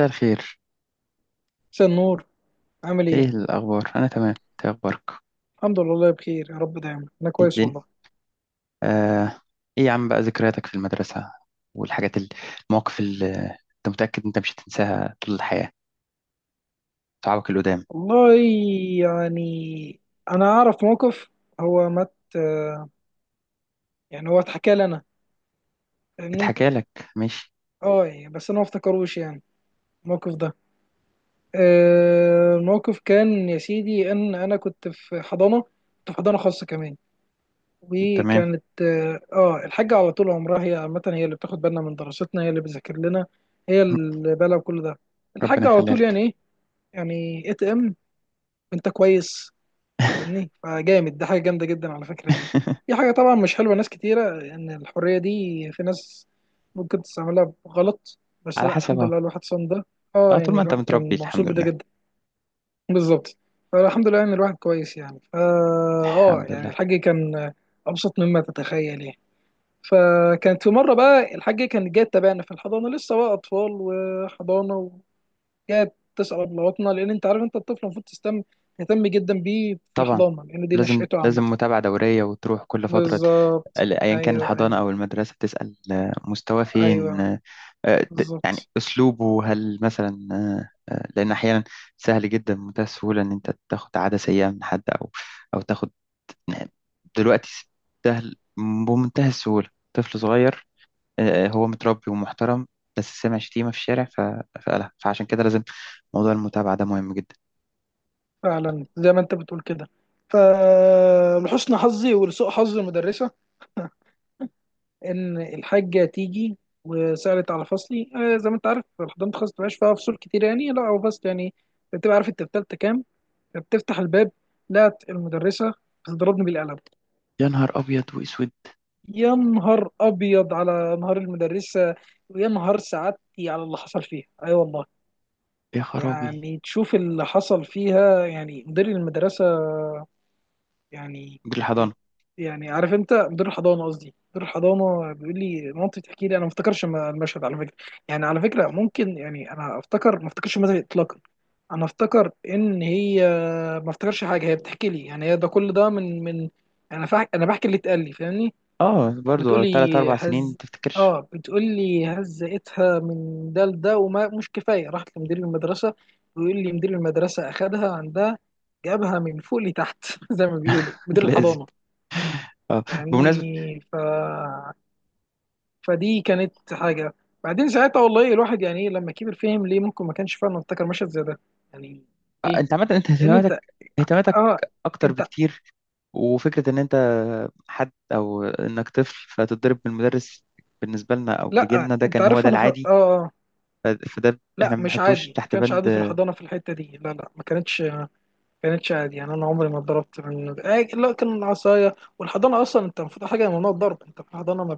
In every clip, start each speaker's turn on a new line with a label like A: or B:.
A: مساء الخير.
B: مساء النور. عامل
A: ايه
B: ايه؟
A: الاخبار؟ انا تمام، إنت إيه اخبارك؟
B: الحمد لله، والله بخير. يا رب دايما انا
A: ايه
B: كويس
A: الدنيا؟
B: والله.
A: آه. ايه يا عم بقى ذكرياتك في المدرسه والحاجات المواقف اللي انت متاكد انت مش هتنساها طول الحياه، صحابك القدام؟
B: والله يعني انا اعرف موقف. هو مت يعني هو اتحكى لي انا. فاهمني؟
A: اتحكى لك؟ ماشي.
B: اه يعني بس انا ما افتكروش يعني الموقف ده. الموقف كان يا سيدي ان انا كنت في حضانه، كنت في حضانه خاصه كمان.
A: تمام.
B: وكانت الحاجه على طول عمرها هي عامه، هي اللي بتاخد بالنا من دراستنا، هي اللي بتذاكر لنا، هي اللي بالها بكل ده.
A: ربنا
B: الحاجه على
A: يخليها
B: طول
A: لك.
B: يعني ايه، يعني ATM. انت كويس. فاهمني، فجامد ده، حاجه جامده جدا على فكره يعني. دي حاجه طبعا مش حلوه ناس كتيره، ان الحريه دي في ناس ممكن تستعملها غلط. بس
A: على
B: لا
A: حسب
B: الحمد
A: اهو.
B: لله الواحد صان ده.
A: اه،
B: اه
A: طول
B: يعني
A: ما انت
B: الواحد
A: متربي
B: كان مبسوط
A: الحمد
B: بده
A: لله.
B: جدا، بالظبط. فالحمد لله ان الواحد كويس يعني فا اه
A: الحمد
B: يعني
A: لله.
B: الحاج كان ابسط مما تتخيل يعني. فكانت في مره بقى الحاج كان جاي تابعنا في الحضانه، لسه بقى اطفال وحضانه. جاية بتسأل أبلغتنا، لأن أنت عارف، أنت الطفل المفروض تهتم، تهتم جدا بيه في
A: طبعا،
B: الحضانة، لأن دي
A: لازم
B: نشأته عامة.
A: لازم متابعة دورية وتروح كل فترة.
B: بالظبط،
A: ايا كان
B: أيوه
A: الحضانه
B: أيوه
A: او المدرسه تسال، مستواه فين،
B: أيوه
A: يعني
B: بالظبط.
A: اسلوبه هل مثلا، لان احيانا سهل جدا بمنتهى السهوله ان انت تاخد عاده سيئه من حد، او تاخد دلوقتي، سهل بمنتهى السهوله طفل صغير هو متربي ومحترم بس سمع شتيمه في الشارع فقالها، فعشان كده لازم موضوع المتابعه ده مهم جدا.
B: فعلا زي ما أنت بتقول كده. فلحسن حظي ولسوء حظ المدرسة، إن الحاجة تيجي وسألت على فصلي. زي ما أنت عارف الحضانة خاصة مبقاش فيها فصول كتير، يعني لا هو فصل يعني. أنت بتبقى عارف أنت في تالتة كام. بتفتح الباب، لقت المدرسة بتضربني بالقلم.
A: يا نهار ابيض واسود.
B: يا نهار ابيض على نهار المدرسه، ويا نهار سعادتي على اللي حصل فيها. اي أيوة والله.
A: يا خرابي.
B: يعني تشوف اللي حصل فيها، يعني مدير المدرسه، يعني
A: دي الحضانه؟
B: يعني عارف انت مدير الحضانه، قصدي مدير الحضانه بيقول لي، مامتي بتحكي لي، انا ما افتكرش المشهد على فكره. يعني على فكره ممكن يعني انا افتكر، ما افتكرش المشهد اطلاقا. انا افتكر ان هي، ما افتكرش حاجه، هي بتحكي لي يعني، هي ده كل ده من. انا بحكي اللي اتقال لي، فاهمني.
A: اه برضو
B: بتقولي
A: 3 أو 4 سنين ما
B: هز
A: تفتكرش.
B: اه بتقولي هزقتها من ده لده، وما مش كفايه راحت لمدير المدرسه، ويقول لي مدير المدرسه اخدها عندها، جابها من فوق لتحت زي ما بيقولوا مدير
A: لازم.
B: الحضانه.
A: اه.
B: فاهمني،
A: بمناسبة
B: فدي كانت حاجه. بعدين ساعتها والله الواحد يعني ايه، لما كبر فهم ليه ممكن ما كانش فعلا افتكر مشهد زي ده يعني. ليه؟
A: انت عامة، انت
B: لان انت،
A: اهتماماتك
B: اه
A: اكتر
B: انت،
A: بكتير، وفكرة ان انت حد او انك طفل فتتضرب من المدرس، بالنسبة لنا او
B: لا
A: لجيلنا ده
B: انت
A: كان هو
B: عارف
A: ده
B: انا ف... اه
A: العادي.
B: آه.
A: فده
B: لا
A: احنا ما
B: مش
A: بنحطوش
B: عادي، ما
A: تحت
B: كانش
A: بند.
B: عادي في الحضانه في الحته دي، لا لا ما كانتش عادي. يعني انا عمري ما اتضربت من آه، لا كان العصايه والحضانه، اصلا انت المفروض حاجه ممنوع الضرب انت في الحضانه ما.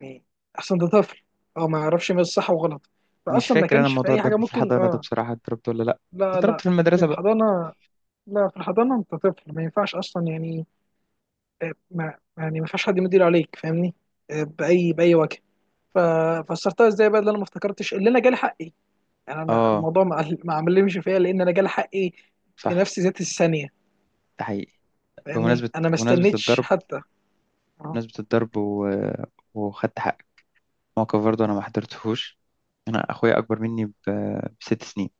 B: يعني احسن ده طفل، هو ما يعرفش ما الصح وغلط.
A: مش
B: فاصلا ما
A: فاكر انا
B: كانش في
A: موضوع
B: اي حاجه
A: الضرب في
B: ممكن
A: الحضانة ده، بصراحة اتضربت ولا لا؟
B: لا
A: اتضربت
B: لا.
A: في
B: في
A: المدرسة بقى.
B: الحضانه، لا في الحضانه انت طفل ما ينفعش اصلا يعني. آه، ما يعني ما ينفعش حد يدير عليك، فاهمني. باي باي وجه. ف- فسرتها ازاي بقى اللي انا ما افتكرتش، اللي انا جالي حقي. يعني انا
A: اه.
B: الموضوع ما عملش فيا، لان انا جالي حقي في
A: صح.
B: نفس ذات الثانيه.
A: ده حقيقي.
B: فاهمني،
A: بمناسبة
B: انا ما
A: بمناسبة
B: استنيتش
A: الضرب،
B: حتى. اه
A: بمناسبة الضرب و... وخدت حقك. موقف برضه انا ما حضرتهوش. أنا أخويا أكبر مني بـ6 سنين،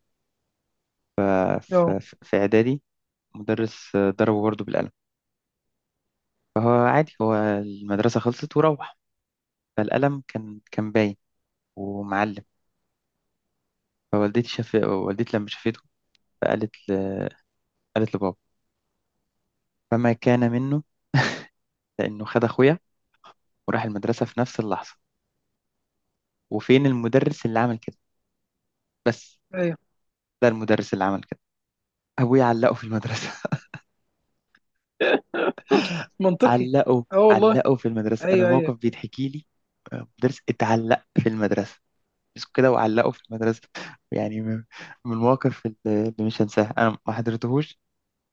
B: اه،
A: في إعدادي. مدرس ضربه برضه بالقلم، فهو عادي، هو المدرسة خلصت وروح. فالقلم كان باين ومعلم، فوالدتي شاف والدتي لما شافته، فقالت ل... قالت لبابا. فما كان منه لأنه خد أخويا وراح المدرسة في نفس اللحظة. وفين المدرس اللي عمل كده؟ بس،
B: ايوه
A: ده المدرس اللي عمل كده. أبويا علقه في المدرسة.
B: منطقي.
A: علقه،
B: اه والله،
A: علقه في المدرسة. أنا
B: ايوه ايوه.
A: الموقف بيتحكي لي، مدرس اتعلق في المدرسة كده، وعلقه في المدرسة. يعني من المواقف اللي مش هنساها. أنا ما حضرتهوش،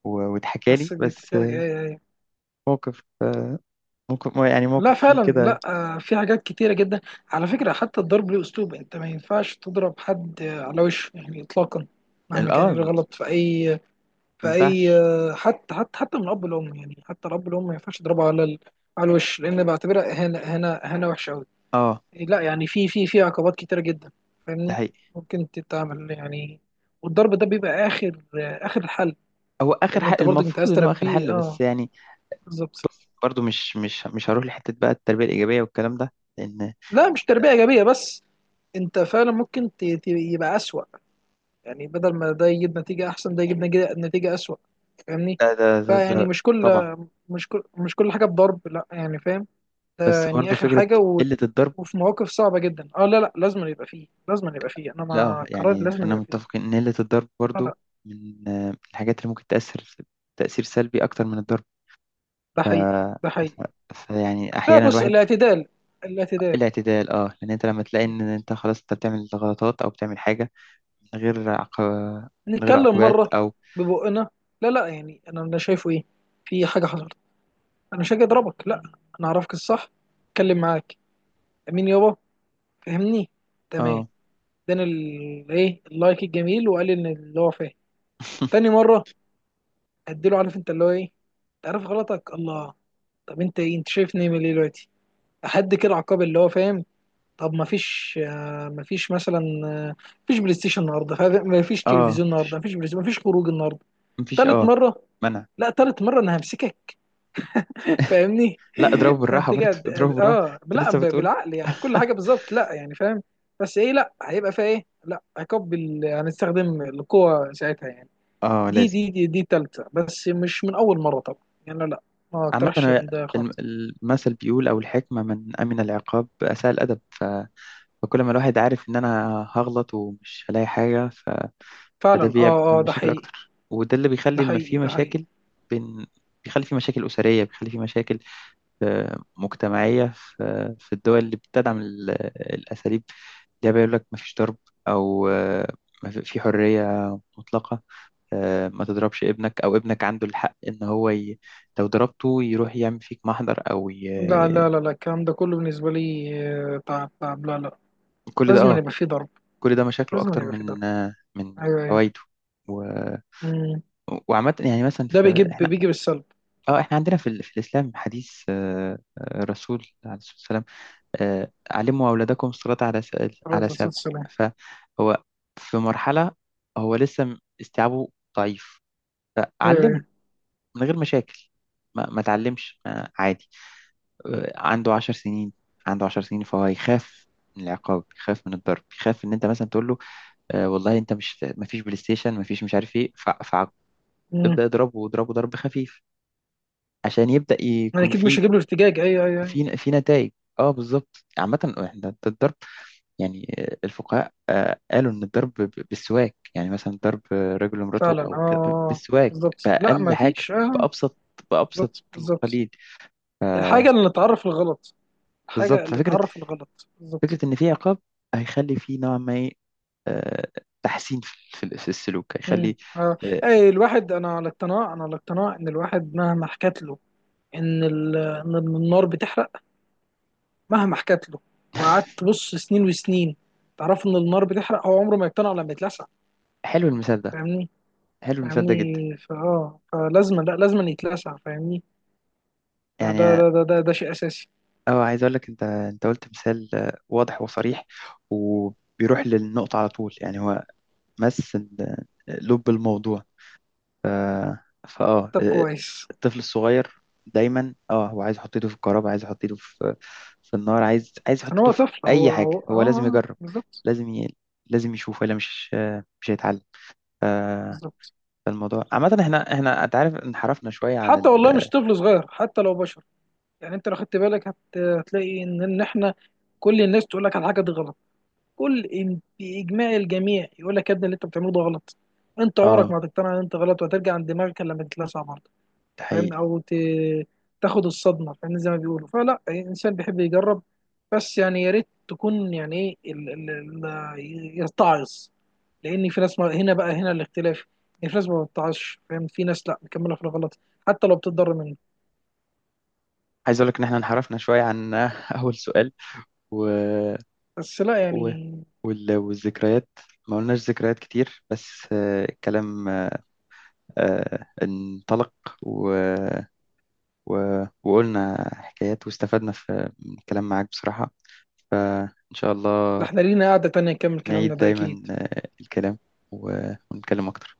A: واتحكى لي
B: بس
A: بس.
B: بيتحكي لك، ايوه ايوه.
A: موقف آه، موقف يعني موقف
B: لا
A: فيه
B: فعلا
A: كده.
B: لا. في حاجات كتيرة جدا. على فكرة حتى الضرب له اسلوب، انت ما ينفعش تضرب حد على وشه يعني اطلاقا. مهما كان ايه
A: اه.
B: الغلط في اي
A: ما
B: في اي
A: ينفعش.
B: حتى من الاب والام. يعني حتى الاب والام ما ينفعش تضربه على الوش، لان بعتبرها اهانة اهانة اهانة وحشة قوي.
A: اه،
B: لا يعني في عقوبات كتيرة جدا
A: ده
B: فاهمني.
A: حقيقي.
B: ممكن تتعمل يعني، والضرب ده بيبقى اخر الحل.
A: هو اخر
B: لان
A: حل،
B: انت برضك انت عايز
A: المفروض ان هو اخر
B: تربيه،
A: حل بس يعني.
B: بالظبط.
A: برضو، مش هروح لحته بقى التربيه الايجابيه والكلام ده، لان
B: لا مش تربيه ايجابيه بس، انت فعلا ممكن يبقى اسوأ. يعني بدل ما ده يجيب نتيجه احسن، ده يجيب نتيجة اسوأ. فاهمني،
A: ده.
B: فيعني مش كل
A: طبعا.
B: مش كل مش كل حاجه بضرب، لا يعني فاهم. ده
A: بس
B: يعني
A: برضو
B: اخر
A: فكره
B: حاجه.
A: قله الضرب.
B: وفي مواقف صعبه جدا، لا لا لازم يبقى فيه، لازم يبقى فيه، انا
A: لا
B: مع قرار
A: يعني
B: لازم
A: خلينا
B: يبقى فيه.
A: متفقين ان قله الضرب
B: لا لا
A: برضو من الحاجات اللي ممكن تاثر تاثير سلبي اكتر من الضرب.
B: ده
A: ف...
B: حقيقي ده حقيقي.
A: ف... فيعني
B: لا
A: احيانا
B: بص
A: الواحد
B: الاعتدال الاعتدال.
A: الاعتدال. اه، لان انت لما تلاقي ان انت خلاص انت بتعمل غلطات او بتعمل حاجه من غير عق... من غير
B: نتكلم
A: عقوبات
B: مره
A: او...
B: ببقنا. لا لا يعني انا شايفه ايه. في حاجه حصلت، انا مش هاجي اضربك لا، انا اعرفك الصح، اتكلم معاك، امين يابا، فهمني، تمام.
A: اه
B: اداني ال- ايه اللايك الجميل وقال لي ان اللي هو فاهم. تاني مره اديله، عارف انت اللي هو ايه، انت عارف غلطك الله. طب انت ايه، انت شايفني من ايه ليه دلوقتي؟ احد كده عقاب اللي هو فاهم. طب ما فيش ما فيش مثلا، ما فيش بلاي ستيشن النهارده، ما فيش
A: اه،
B: تلفزيون النهارده، ما فيش بلاي ستيشن، ما فيش خروج النهارده.
A: مفيش
B: تالت مرة،
A: منع.
B: لا تالت مرة انا همسكك. فاهمني،
A: لا، اضربه بالراحه
B: همسكك
A: برضه. اضربه بالراحه. انت
B: لا
A: لسه بتقول؟
B: بالعقل يعني كل حاجة بالظبط، لا يعني فاهم. بس ايه، لا هيبقى فيها ايه، لا عقاب هنستخدم القوة ساعتها يعني.
A: اه
B: دي
A: لازم.
B: دي دي دي تالتة، بس مش من اول مرة طبعا يعني، لا ما
A: عامة
B: اقترحش
A: هو
B: إن ده خالص.
A: المثل بيقول، أو الحكمة، من أمن العقاب أساء الأدب. فكل ما الواحد عارف إن أنا هغلط ومش هلاقي حاجة، فده
B: فعلا
A: بيعمل
B: ده
A: مشاكل
B: حقيقي
A: اكتر، وده اللي
B: ده
A: بيخلي ما
B: حقيقي
A: في
B: ده حقيقي.
A: مشاكل بين بيخلي في مشاكل أسرية، بيخلي في مشاكل مجتمعية. في الدول اللي بتدعم الأساليب، ده بيقول لك مفيش ضرب، أو في حرية مطلقة. ما تضربش ابنك، أو ابنك عنده الحق إن هو لو ضربته يروح يعمل فيك محضر،
B: لا لا لا لا الكلام ده كله بالنسبة لي تعب تعب، لا لا
A: كل ده
B: لازم يبقى فيه ضرب،
A: مشاكله
B: لازم
A: أكتر
B: يبقى فيه ضرب،
A: من من
B: ايوه ايوه.
A: فوائده. و...
B: أمم.
A: وعامة يعني مثلا
B: ده
A: في.
B: بيجي بالسلب.
A: اه، احنا عندنا في الاسلام حديث، الرسول عليه الصلاه والسلام، علموا اولادكم الصلاه
B: عليه
A: على
B: الصلاة
A: 7.
B: والسلام،
A: فهو في مرحله هو لسه استيعابه ضعيف،
B: أيوه
A: فعلمه
B: أيوه.
A: من غير مشاكل. ما تعلمش، ما عادي. عنده 10 سنين. عنده 10 سنين فهو يخاف من العقاب، يخاف من الضرب، يخاف ان انت مثلا تقول له والله انت مش، ما فيش بلاي ستيشن، ما فيش مش عارف ايه، فابدا
B: مم.
A: اضربه واضربه ضرب خفيف عشان يبدأ
B: أنا
A: يكون
B: أكيد مش
A: في
B: هجيب له ارتجاج، أيوه أيوه أيوه.
A: نتائج. اه بالظبط. عامة احنا ده الضرب، يعني الفقهاء قالوا ان الضرب بالسواك، يعني مثلا ضرب رجل امرأته
B: فعلا
A: او كده بالسواك،
B: بالظبط. لا
A: بأقل
B: ما
A: حاجة،
B: فيش
A: بأبسط بأبسط
B: بالظبط بالظبط.
A: القليل.
B: الحاجة اللي تعرف الغلط، الحاجة
A: بالظبط،
B: اللي تعرف الغلط، بالظبط.
A: فكرة ان في عقاب هيخلي في نوع ما، إيه، آه، تحسين في السلوك،
B: مم.
A: هيخلي آه،
B: أي الواحد، أنا على اقتناع، أنا على اقتناع إن الواحد مهما حكت له إن إن النار بتحرق، مهما حكت له وقعدت تبص سنين وسنين تعرف إن النار بتحرق، هو عمره ما يقتنع لما يتلسع.
A: حلو المثال ده
B: فاهمني
A: حلو المثال ده جدا،
B: فاهمني فلازما لا لازما يتلسع، فاهمني. فده
A: يعني.
B: ده ده ده, ده شيء اساسي.
A: اه، عايز اقول لك، انت قلت مثال واضح وصريح، وبيروح للنقطة على طول. يعني هو مس لب الموضوع. ف... فاه
B: طب كويس،
A: الطفل الصغير دايما، هو عايز يحط ايده في الكهرباء، عايز يحط ايده في النار، عايز يحط
B: عشان
A: ايده
B: هو
A: في
B: طفل، هو
A: اي حاجه.
B: هو اه
A: هو لازم
B: آه،
A: يجرب،
B: بالظبط
A: لازم لازم يشوف، ولا مش هيتعلم. ف...
B: بالظبط.
A: فالموضوع عامه، احنا انت عارف انحرفنا شويه عن
B: حتى
A: ال...
B: والله مش طفل صغير، حتى لو بشر يعني. انت لو خدت بالك هتلاقي ان احنا، كل الناس تقول لك على حاجه دي غلط، باجماع الجميع يقول لك يا ابني اللي انت بتعمله ده غلط. انت عمرك
A: اه
B: ما هتقتنع ان انت غلط وهترجع عند دماغك، إلا لما تتلسع بره.
A: ده
B: فاهمني،
A: حقيقي.
B: او تاخد الصدمه، فاهمني زي ما بيقولوا. فلا أي انسان بيحب يجرب، بس يعني يا ريت تكون يعني ايه يتعظ. لان في ناس، ما هنا بقى هنا الاختلاف. يعني في ناس ما بتتعظش فاهم، في ناس لا مكمله في الغلط حتى لو بتتضرر منه.
A: عايز اقول لك ان احنا انحرفنا شويه عن اول سؤال، و...
B: بس لا
A: و...
B: يعني.
A: والذكريات ما قلناش ذكريات كتير، بس الكلام انطلق، و... و... وقلنا حكايات، واستفدنا في من الكلام معاك بصراحة. فإن شاء
B: لا،
A: الله
B: احنا لينا قعده تانية نكمل
A: نعيد
B: كلامنا ده
A: دايما
B: اكيد.
A: الكلام، و... ونتكلم أكتر.